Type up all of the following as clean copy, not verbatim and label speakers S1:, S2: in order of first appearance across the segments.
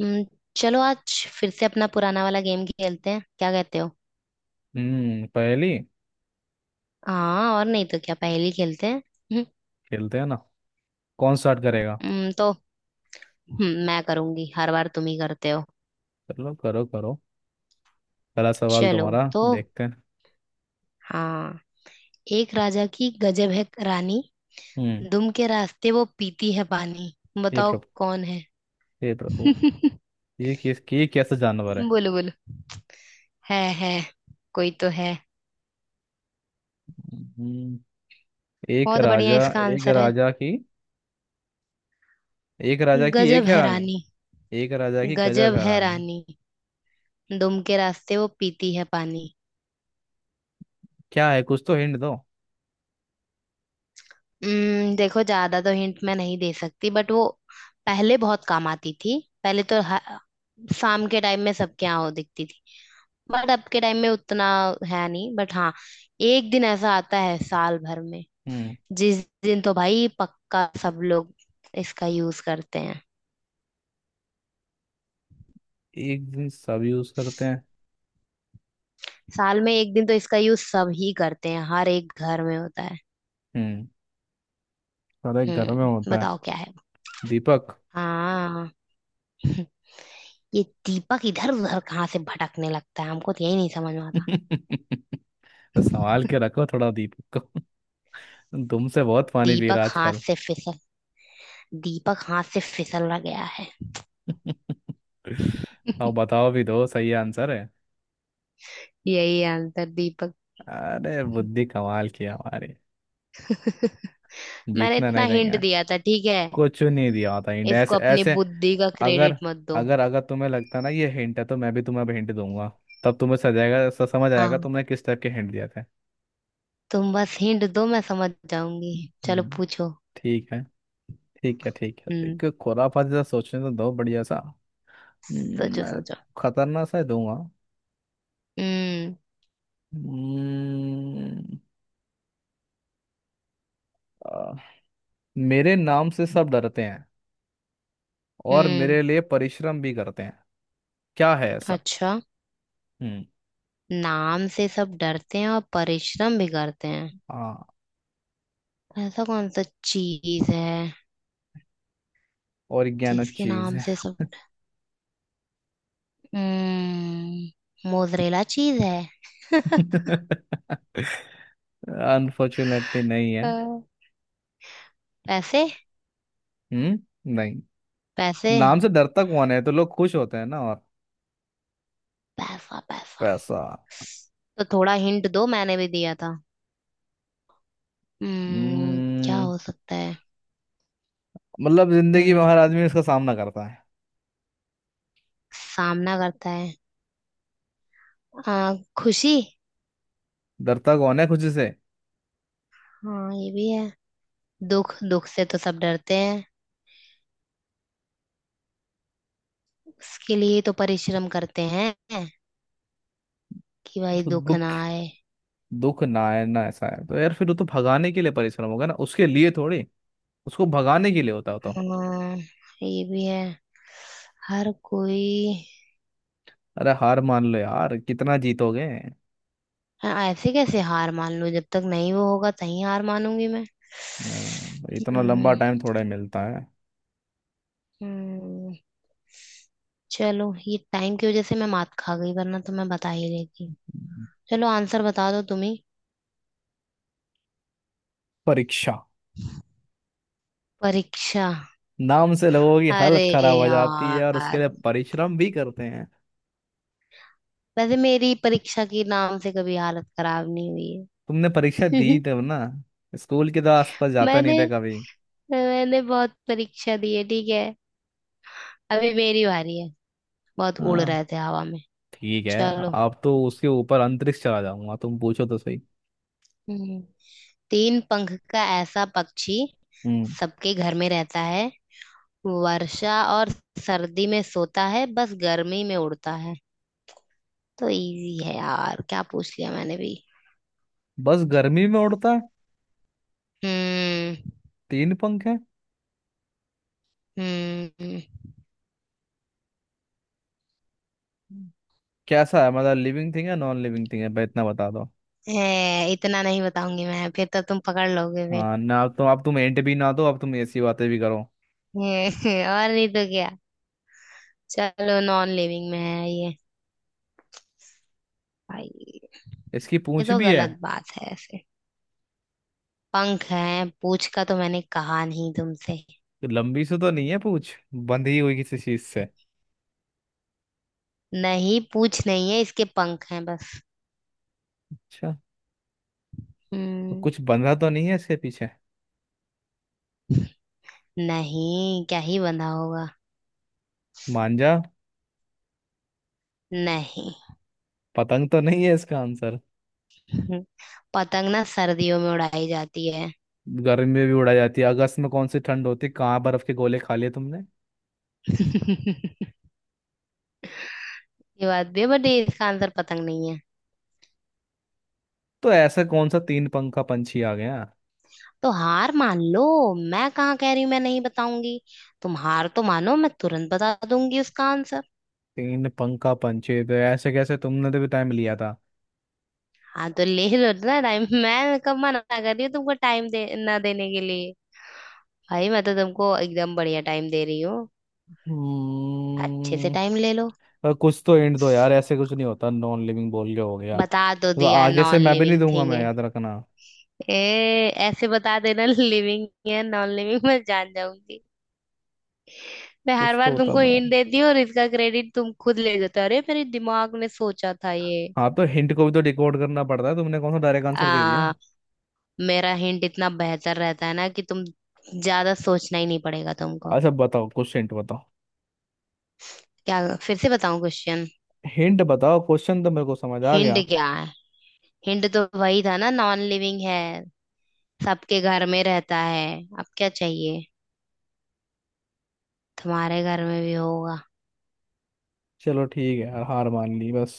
S1: हम्म, चलो आज फिर से अपना पुराना वाला गेम खेलते हैं। क्या कहते हो?
S2: हम्म। पहली
S1: हाँ, और नहीं तो क्या पहेली खेलते हैं। हम्म,
S2: खेलते हैं ना? कौन स्टार्ट करेगा?
S1: तो मैं करूंगी। हर बार तुम ही करते हो।
S2: चलो, करो करो। पहला सवाल
S1: चलो।
S2: तुम्हारा।
S1: तो
S2: देखते हैं।
S1: हाँ। एक राजा की गजब है रानी।
S2: हम्म।
S1: दुम के रास्ते वो पीती है पानी।
S2: ये
S1: बताओ
S2: प्रभु।
S1: कौन है।
S2: ये प्रभु। ये कैसा जानवर है?
S1: बोलो बोलो। है। कोई तो है।
S2: हम्म, एक
S1: बहुत बढ़िया
S2: राजा
S1: इसका
S2: एक
S1: आंसर है।
S2: राजा की एक राजा की
S1: गजब
S2: एक है
S1: है
S2: रानी।
S1: रानी।
S2: एक राजा की गजब
S1: गजब
S2: है
S1: है
S2: रानी।
S1: रानी। दुम के रास्ते वो पीती है पानी।
S2: क्या है? कुछ तो हिंट दो।
S1: देखो, ज्यादा तो हिंट मैं नहीं दे सकती, बट वो पहले बहुत काम आती थी। पहले तो ह- शाम के टाइम में सबके यहाँ वो दिखती थी। बट अब के टाइम में उतना है नहीं। बट हाँ, एक दिन ऐसा आता है साल भर में,
S2: हम्म।
S1: जिस दिन तो भाई पक्का सब लोग इसका यूज करते हैं।
S2: एक दिन सब यूज करते हैं।
S1: साल में एक दिन तो इसका यूज सब ही करते हैं। हर एक घर में होता है।
S2: हम्म, सारे घर में
S1: हम्म,
S2: होता है।
S1: बताओ क्या है वो?
S2: दीपक।
S1: हाँ। ये दीपक इधर उधर कहाँ से भटकने लगता है, हमको तो यही नहीं समझ में आता।
S2: तो संभाल के रखो थोड़ा दीपक को। तुमसे बहुत पानी पी
S1: दीपक
S2: रहा
S1: हाथ
S2: आजकल।
S1: से फिसल दीपक हाथ से फिसल गया है।
S2: अब बताओ भी, दो सही आंसर है।
S1: यही आंसर, दीपक।
S2: अरे, बुद्धि कमाल की है हमारी।
S1: मैंने
S2: जीतना
S1: इतना
S2: नहीं
S1: हिंट
S2: देंगे।
S1: दिया था, ठीक है।
S2: कुछ नहीं दिया होता हिंट,
S1: इसको
S2: ऐसे
S1: अपनी
S2: ऐसे।
S1: बुद्धि का
S2: अगर
S1: क्रेडिट मत दो।
S2: अगर अगर तुम्हें लगता ना ये हिंट है, तो मैं भी तुम्हें अब हिंट दूंगा। तब तुम्हें सजाएगा समझ आएगा
S1: हाँ,
S2: तुमने किस टाइप के हिंट दिया था।
S1: तुम बस हिंट दो, मैं समझ जाऊंगी। चलो
S2: हम्म,
S1: पूछो।
S2: ठीक है ठीक है ठीक है,
S1: हम्म।
S2: एक खुराफा जैसा सोचने तो दो बढ़िया सा।
S1: सोचो
S2: मैं
S1: सोचो।
S2: खतरनाक सा ही दूंगा।
S1: हम्म।
S2: हम्म, आ, मेरे नाम से सब डरते हैं और
S1: हम्म।
S2: मेरे लिए परिश्रम भी करते हैं। क्या है ऐसा?
S1: अच्छा,
S2: हम्म।
S1: नाम से सब डरते हैं और परिश्रम भी करते हैं।
S2: हाँ,
S1: ऐसा कौन सा चीज है
S2: ऑर्गेनो
S1: जिसके
S2: चीज
S1: नाम
S2: है।
S1: से सब। हम्म, मोजरेला चीज है।
S2: अनफॉर्चुनेटली नहीं है।
S1: हाँ। पैसे।
S2: हम्म। नहीं।
S1: पैसे।
S2: नाम से डरता कौन है? तो लोग खुश होते हैं ना, और
S1: पैसा पैसा।
S2: पैसा।
S1: तो थोड़ा हिंट दो, मैंने भी दिया था। हम्म, क्या
S2: हम्म
S1: हो सकता है।
S2: मतलब जिंदगी में
S1: हम्म,
S2: हर आदमी इसका सामना करता है।
S1: सामना करता है। आ, खुशी।
S2: डरता कौन है खुद से?
S1: हाँ, ये भी है। दुख। दुख से तो सब डरते हैं। उसके लिए तो परिश्रम करते हैं कि भाई
S2: तो
S1: दुख ना
S2: दुख
S1: आए।
S2: दुख ना है ना? ऐसा है तो यार, फिर वो तो भगाने के लिए परिश्रम होगा ना, उसके लिए थोड़ी। उसको भगाने के लिए होता होता।
S1: हाँ, ये भी है। हर कोई।
S2: अरे, हार मान लो यार, कितना जीतोगे।
S1: हाँ, ऐसे कैसे हार मान लूं। जब तक नहीं वो होगा तभी हार मानूंगी मैं।
S2: हाँ, इतना लंबा
S1: हम्म।
S2: टाइम थोड़ा ही मिलता है।
S1: हम्म। चलो, ये टाइम की वजह से मैं मात खा गई, वरना तो मैं बता ही देती। चलो आंसर बता दो तुम्ही।
S2: परीक्षा।
S1: परीक्षा।
S2: नाम से लोगों की
S1: अरे
S2: हालत खराब हो जाती है और उसके
S1: यार,
S2: लिए परिश्रम भी करते हैं।
S1: वैसे मेरी परीक्षा के नाम से कभी हालत खराब नहीं हुई
S2: तुमने परीक्षा दी
S1: है।
S2: तब ना। स्कूल के तो आसपास जाता
S1: मैंने
S2: नहीं था कभी।
S1: मैंने बहुत परीक्षा दी है, ठीक है। अभी मेरी बारी है। बहुत उड़
S2: हाँ
S1: रहे थे हवा में।
S2: ठीक है।
S1: चलो।
S2: अब तो उसके ऊपर अंतरिक्ष चला जाऊंगा, तुम पूछो तो सही।
S1: हम्म। तीन पंख का ऐसा पक्षी,
S2: हम्म
S1: सबके घर में रहता है। वर्षा और सर्दी में सोता है, बस गर्मी में उड़ता है। तो इजी है यार, क्या पूछ लिया मैंने भी।
S2: बस गर्मी में उड़ता है।
S1: हम्म।
S2: तीन पंख है।
S1: हम्म।
S2: कैसा है? मतलब लिविंग थिंग है, नॉन लिविंग थिंग है? भाई इतना बता दो।
S1: ए, इतना नहीं बताऊंगी मैं, फिर तो तुम पकड़ लोगे फिर।
S2: हाँ ना, तो अब तुम एंट भी ना दो, अब तुम ऐसी बातें भी करो।
S1: और नहीं तो क्या। चलो, नॉन लिविंग में है ये। भाई,
S2: इसकी
S1: ये
S2: पूंछ
S1: तो
S2: भी है।
S1: गलत बात है ऐसे। पंख हैं, पूछ का तो मैंने कहा नहीं तुमसे।
S2: लंबी से तो नहीं है पूछ, बंधी हुई किसी चीज से?
S1: नहीं, पूछ नहीं है इसके, पंख हैं बस।
S2: अच्छा। तो
S1: हम्म।
S2: कुछ बंधा तो नहीं है इसके पीछे?
S1: नहीं, क्या ही बंधा होगा।
S2: मांझा।
S1: नहीं।
S2: पतंग तो नहीं है इसका आंसर?
S1: पतंग ना सर्दियों में उड़ाई जाती है।
S2: गर्मी में भी उड़ा जाती है, अगस्त में कौन सी ठंड होती है, कहाँ बर्फ के गोले खा लिए तुमने।
S1: ये बात भी है, बट ये इसका आंसर पतंग नहीं है।
S2: तो ऐसा कौन सा तीन पंखा पंछी आ गया?
S1: तो हार मान लो। मैं कहाँ कह रही हूँ मैं नहीं बताऊंगी। तुम हार तो मानो, मैं तुरंत बता दूंगी उसका आंसर।
S2: तीन पंखा पंछी, तो ऐसे कैसे? तुमने तो भी टाइम लिया था।
S1: हाँ तो ले लो ना टाइम, मैं कब मना कर रही हूँ तुमको टाइम दे ना देने के लिए। भाई मैं तो तुमको एकदम बढ़िया टाइम दे रही हूँ। अच्छे से
S2: हम्म,
S1: टाइम ले लो।
S2: और कुछ तो एंड दो यार, ऐसे कुछ नहीं होता नॉन लिविंग बोल के हो गया।
S1: बता दो
S2: तो
S1: दिया,
S2: आगे से
S1: नॉन
S2: मैं भी नहीं
S1: लिविंग
S2: दूंगा
S1: थिंग
S2: मैं,
S1: है।
S2: याद रखना।
S1: ए, ऐसे बता देना लिविंग है नॉन लिविंग, मैं जान जाऊंगी। मैं हर
S2: कुछ
S1: बार
S2: तो बता
S1: तुमको
S2: दो।
S1: हिंट देती हूँ और इसका क्रेडिट तुम खुद ले जाते हो। अरे मेरे दिमाग ने सोचा था ये।
S2: हाँ, तो हिंट को भी तो डिकोड करना पड़ता है, तुमने कौन सा डायरेक्ट आंसर दे दिया।
S1: आ, मेरा हिंट इतना बेहतर रहता है ना कि तुम ज्यादा सोचना ही नहीं पड़ेगा तुमको।
S2: अच्छा, बताओ कुछ हिंट बताओ।
S1: क्या, फिर से बताऊं क्वेश्चन?
S2: हिंट बताओ, क्वेश्चन तो मेरे को समझ आ
S1: हिंट
S2: गया।
S1: क्या है। हिंट तो वही था ना, नॉन लिविंग है, सबके घर में रहता है। अब क्या चाहिए। तुम्हारे घर में भी होगा।
S2: चलो ठीक है यार, हार मान ली बस।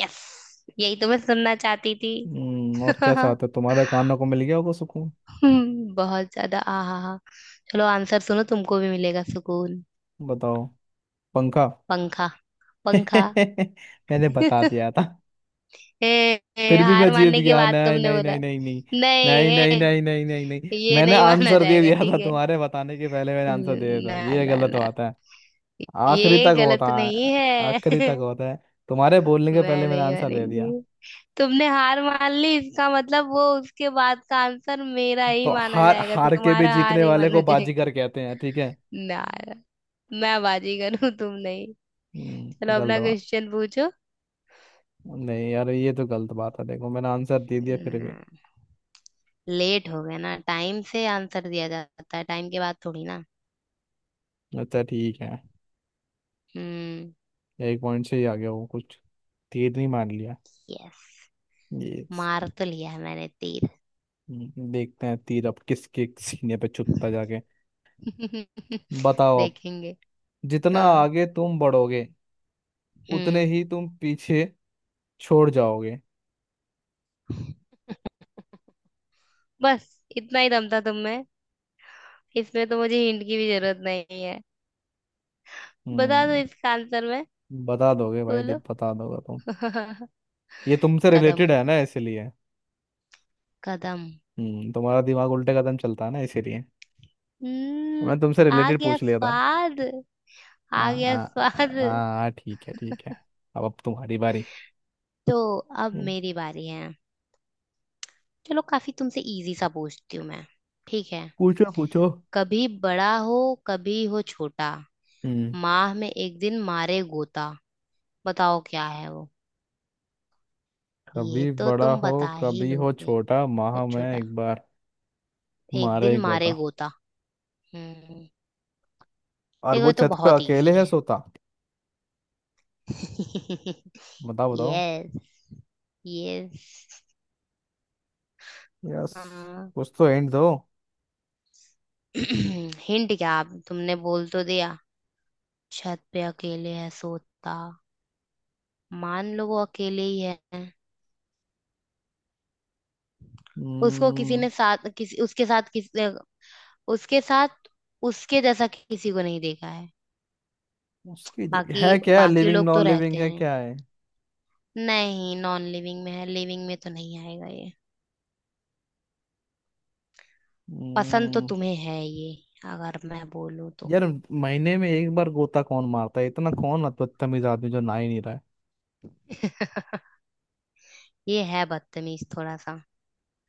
S1: यस, यही तो मैं सुनना चाहती थी।
S2: हम्म, और क्या चाहते हो? तुम्हारे कानों को मिल गया होगा सुकून।
S1: बहुत ज्यादा आहा हा। चलो आंसर सुनो, तुमको भी मिलेगा सुकून।
S2: बताओ। पंखा।
S1: पंखा। पंखा।
S2: मैंने बता दिया था।
S1: ए, ए,
S2: फिर भी
S1: हार
S2: मैं जीत
S1: मानने के
S2: गया।
S1: बाद
S2: नहीं
S1: तुमने
S2: नहीं
S1: बोला।
S2: नहीं नहीं नहीं,
S1: नहीं,
S2: नहीं नहीं
S1: ए,
S2: नहीं नहीं नहीं नहीं,
S1: ये
S2: मैंने
S1: नहीं माना
S2: आंसर दे
S1: जाएगा,
S2: दिया था
S1: ठीक है।
S2: तुम्हारे बताने के पहले, मैंने आंसर दे दिया था,
S1: ना
S2: ये
S1: ना
S2: गलत
S1: ना।
S2: बात है। आखिरी
S1: ये
S2: तक होता
S1: गलत नहीं
S2: है।
S1: है।
S2: आखिरी तक होता है। तुम्हारे बोलने के
S1: मैं
S2: पहले मैंने
S1: नहीं
S2: आंसर दे
S1: मानेंगी।
S2: दिया।
S1: तुमने हार मान ली, इसका मतलब वो उसके बाद का आंसर मेरा ही
S2: तो
S1: माना
S2: हार
S1: जाएगा,
S2: हार के भी
S1: तुम्हारा हार
S2: जीतने
S1: ही
S2: वाले को
S1: माना जाएगा।
S2: बाजीगर कहते हैं, ठीक है।
S1: ना यार, मैं बाजीगर हूँ, तुम नहीं। चलो
S2: गलत
S1: अपना
S2: बात।
S1: क्वेश्चन पूछो।
S2: नहीं यार, ये तो गलत बात है, देखो मैंने आंसर दे दिया फिर भी।
S1: हम्म, लेट हो गया ना। टाइम से आंसर दिया जाता है, टाइम के बाद थोड़ी ना।
S2: अच्छा ठीक है।
S1: हम्म।
S2: एक पॉइंट से ही आ गया वो कुछ। तीर नहीं मार लिया
S1: यस।
S2: ये?
S1: मार तो लिया है मैंने तीर।
S2: देखते हैं तीर अब किसके सीने पे चुपता जाके। बताओ अब।
S1: देखेंगे।
S2: जितना
S1: हाँ।
S2: आगे तुम बढ़ोगे, उतने
S1: हम्म।
S2: ही तुम पीछे छोड़ जाओगे।
S1: बस इतना ही दम था तुम में। इसमें तो मुझे हिंट की भी जरूरत नहीं है। बता दो
S2: हम्म।
S1: इसका आंसर मैं।
S2: बता दोगे भाई
S1: बोलो।
S2: दीप, बता दोगे तुम? ये तुमसे
S1: कदम।
S2: रिलेटेड है ना, इसीलिए।
S1: कदम।
S2: हम्म, तुम्हारा दिमाग उल्टे कदम चलता है ना, इसीलिए
S1: हम्म।
S2: मैं तुमसे
S1: आ
S2: रिलेटेड
S1: गया
S2: पूछ लिया था।
S1: स्वाद
S2: हाँ
S1: आ गया
S2: हाँ। हाँ
S1: स्वाद।
S2: हाँ, ठीक है ठीक है। अब तुम्हारी बारी।
S1: तो अब
S2: हम्म,
S1: मेरी बारी है। चलो काफी तुमसे इजी सा पूछती हूँ मैं, ठीक है।
S2: पूछो पूछो।
S1: कभी बड़ा हो, कभी हो छोटा,
S2: हम्म।
S1: माह में एक दिन मारे गोता। बताओ क्या है वो। ये
S2: कभी
S1: तो
S2: बड़ा
S1: तुम
S2: हो,
S1: बता ही
S2: कभी हो
S1: लोगे।
S2: छोटा। माह
S1: कुछ
S2: में
S1: छोटा।
S2: एक बार
S1: एक
S2: मारे
S1: दिन
S2: एक
S1: मारे
S2: होता।
S1: गोता। हम्म।
S2: और
S1: देखो
S2: वो
S1: ये तो
S2: छत पे
S1: बहुत इजी
S2: अकेले है
S1: है।
S2: सोता। बताओ बताओ।
S1: यस। यस।
S2: यस।
S1: हाँ।
S2: कुछ तो एंड दो।
S1: हिंट क्या आप, तुमने बोल तो दिया, छत पे अकेले है सोता। मान लो वो अकेले ही है। उसको किसी
S2: हम्म।
S1: ने साथ किसी उसके साथ किसी उसके साथ उसके जैसा किसी को नहीं देखा है। बाकी
S2: है क्या?
S1: बाकी
S2: लिविंग
S1: लोग तो
S2: नॉन
S1: रहते
S2: लिविंग है?
S1: हैं।
S2: क्या है?
S1: नहीं, नॉन लिविंग में है, लिविंग में तो नहीं आएगा ये। पसंद तो
S2: हम्म।
S1: तुम्हें है ये, अगर मैं बोलूं तो।
S2: यार महीने में एक बार गोता कौन मारता है? इतना कौन बदतमीज आदमी जो नहा ही नहीं रहा?
S1: ये है बदतमीज थोड़ा सा।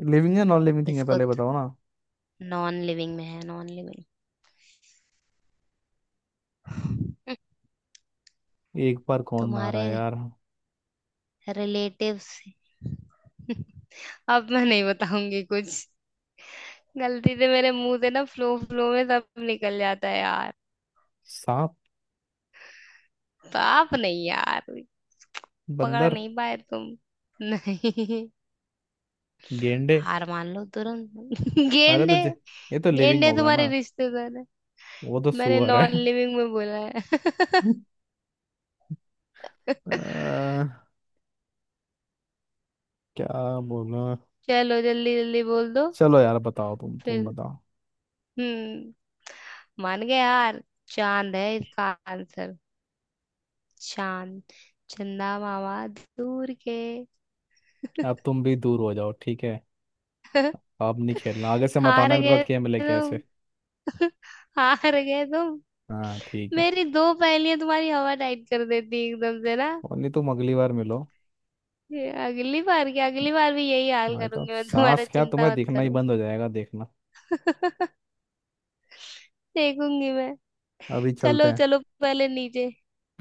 S2: है लिविंग, है नॉन लिविंग थिंग? है
S1: इसको।
S2: पहले बताओ ना।
S1: नॉन लिविंग में है, नॉन लिविंग।
S2: एक बार कौन नहा रहा
S1: तुम्हारे
S2: है यार?
S1: रिलेटिव्स। अब मैं नहीं बताऊंगी कुछ। गलती से मेरे मुंह से ना फ्लो फ्लो में सब निकल जाता है यार।
S2: सांप।
S1: पाप नहीं यार। पकड़
S2: बंदर।
S1: नहीं पाए तुम। नहीं।
S2: गेंडे।
S1: हार मान लो तुरंत।
S2: अरे तो
S1: गेंडे।
S2: जे- ये तो लिविंग
S1: गेंडे
S2: होगा
S1: तुम्हारे
S2: ना।
S1: रिश्तेदार है।
S2: वो तो
S1: मैंने
S2: सुअर
S1: नॉन
S2: है।
S1: लिविंग में बोला है।
S2: आ, क्या? बोलो।
S1: चलो जल्दी जल्दी बोल दो।
S2: चलो यार बताओ, तुम
S1: फिर।
S2: बताओ।
S1: हम्म। मान गए यार। चांद है इसका आंसर। चांद। चंदा मामा दूर के।
S2: अब तुम भी दूर हो जाओ ठीक है। अब नहीं खेलना, आगे से मत
S1: हार
S2: आना मेरे
S1: गए
S2: पास गेम लेके ऐसे।
S1: तुम। हार गए तुम।
S2: हाँ ठीक है।
S1: मेरी दो पहेलियां तुम्हारी हवा टाइट कर देती एकदम से ना।
S2: और नहीं, तुम अगली बार मिलो।
S1: ये अगली बार की अगली बार भी यही हाल
S2: भाई तो
S1: करूंगी मैं तुम्हारा,
S2: सांस क्या,
S1: चिंता
S2: तुम्हें
S1: मत
S2: दिखना ही
S1: करो।
S2: बंद हो जाएगा देखना।
S1: देखूंगी मैं।
S2: अभी चलते
S1: चलो
S2: हैं।
S1: चलो पहले नीचे।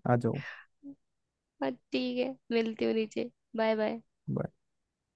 S2: आ जाओ।
S1: हाँ, ठीक है, मिलती हूँ नीचे। Bye bye.
S2: Bye.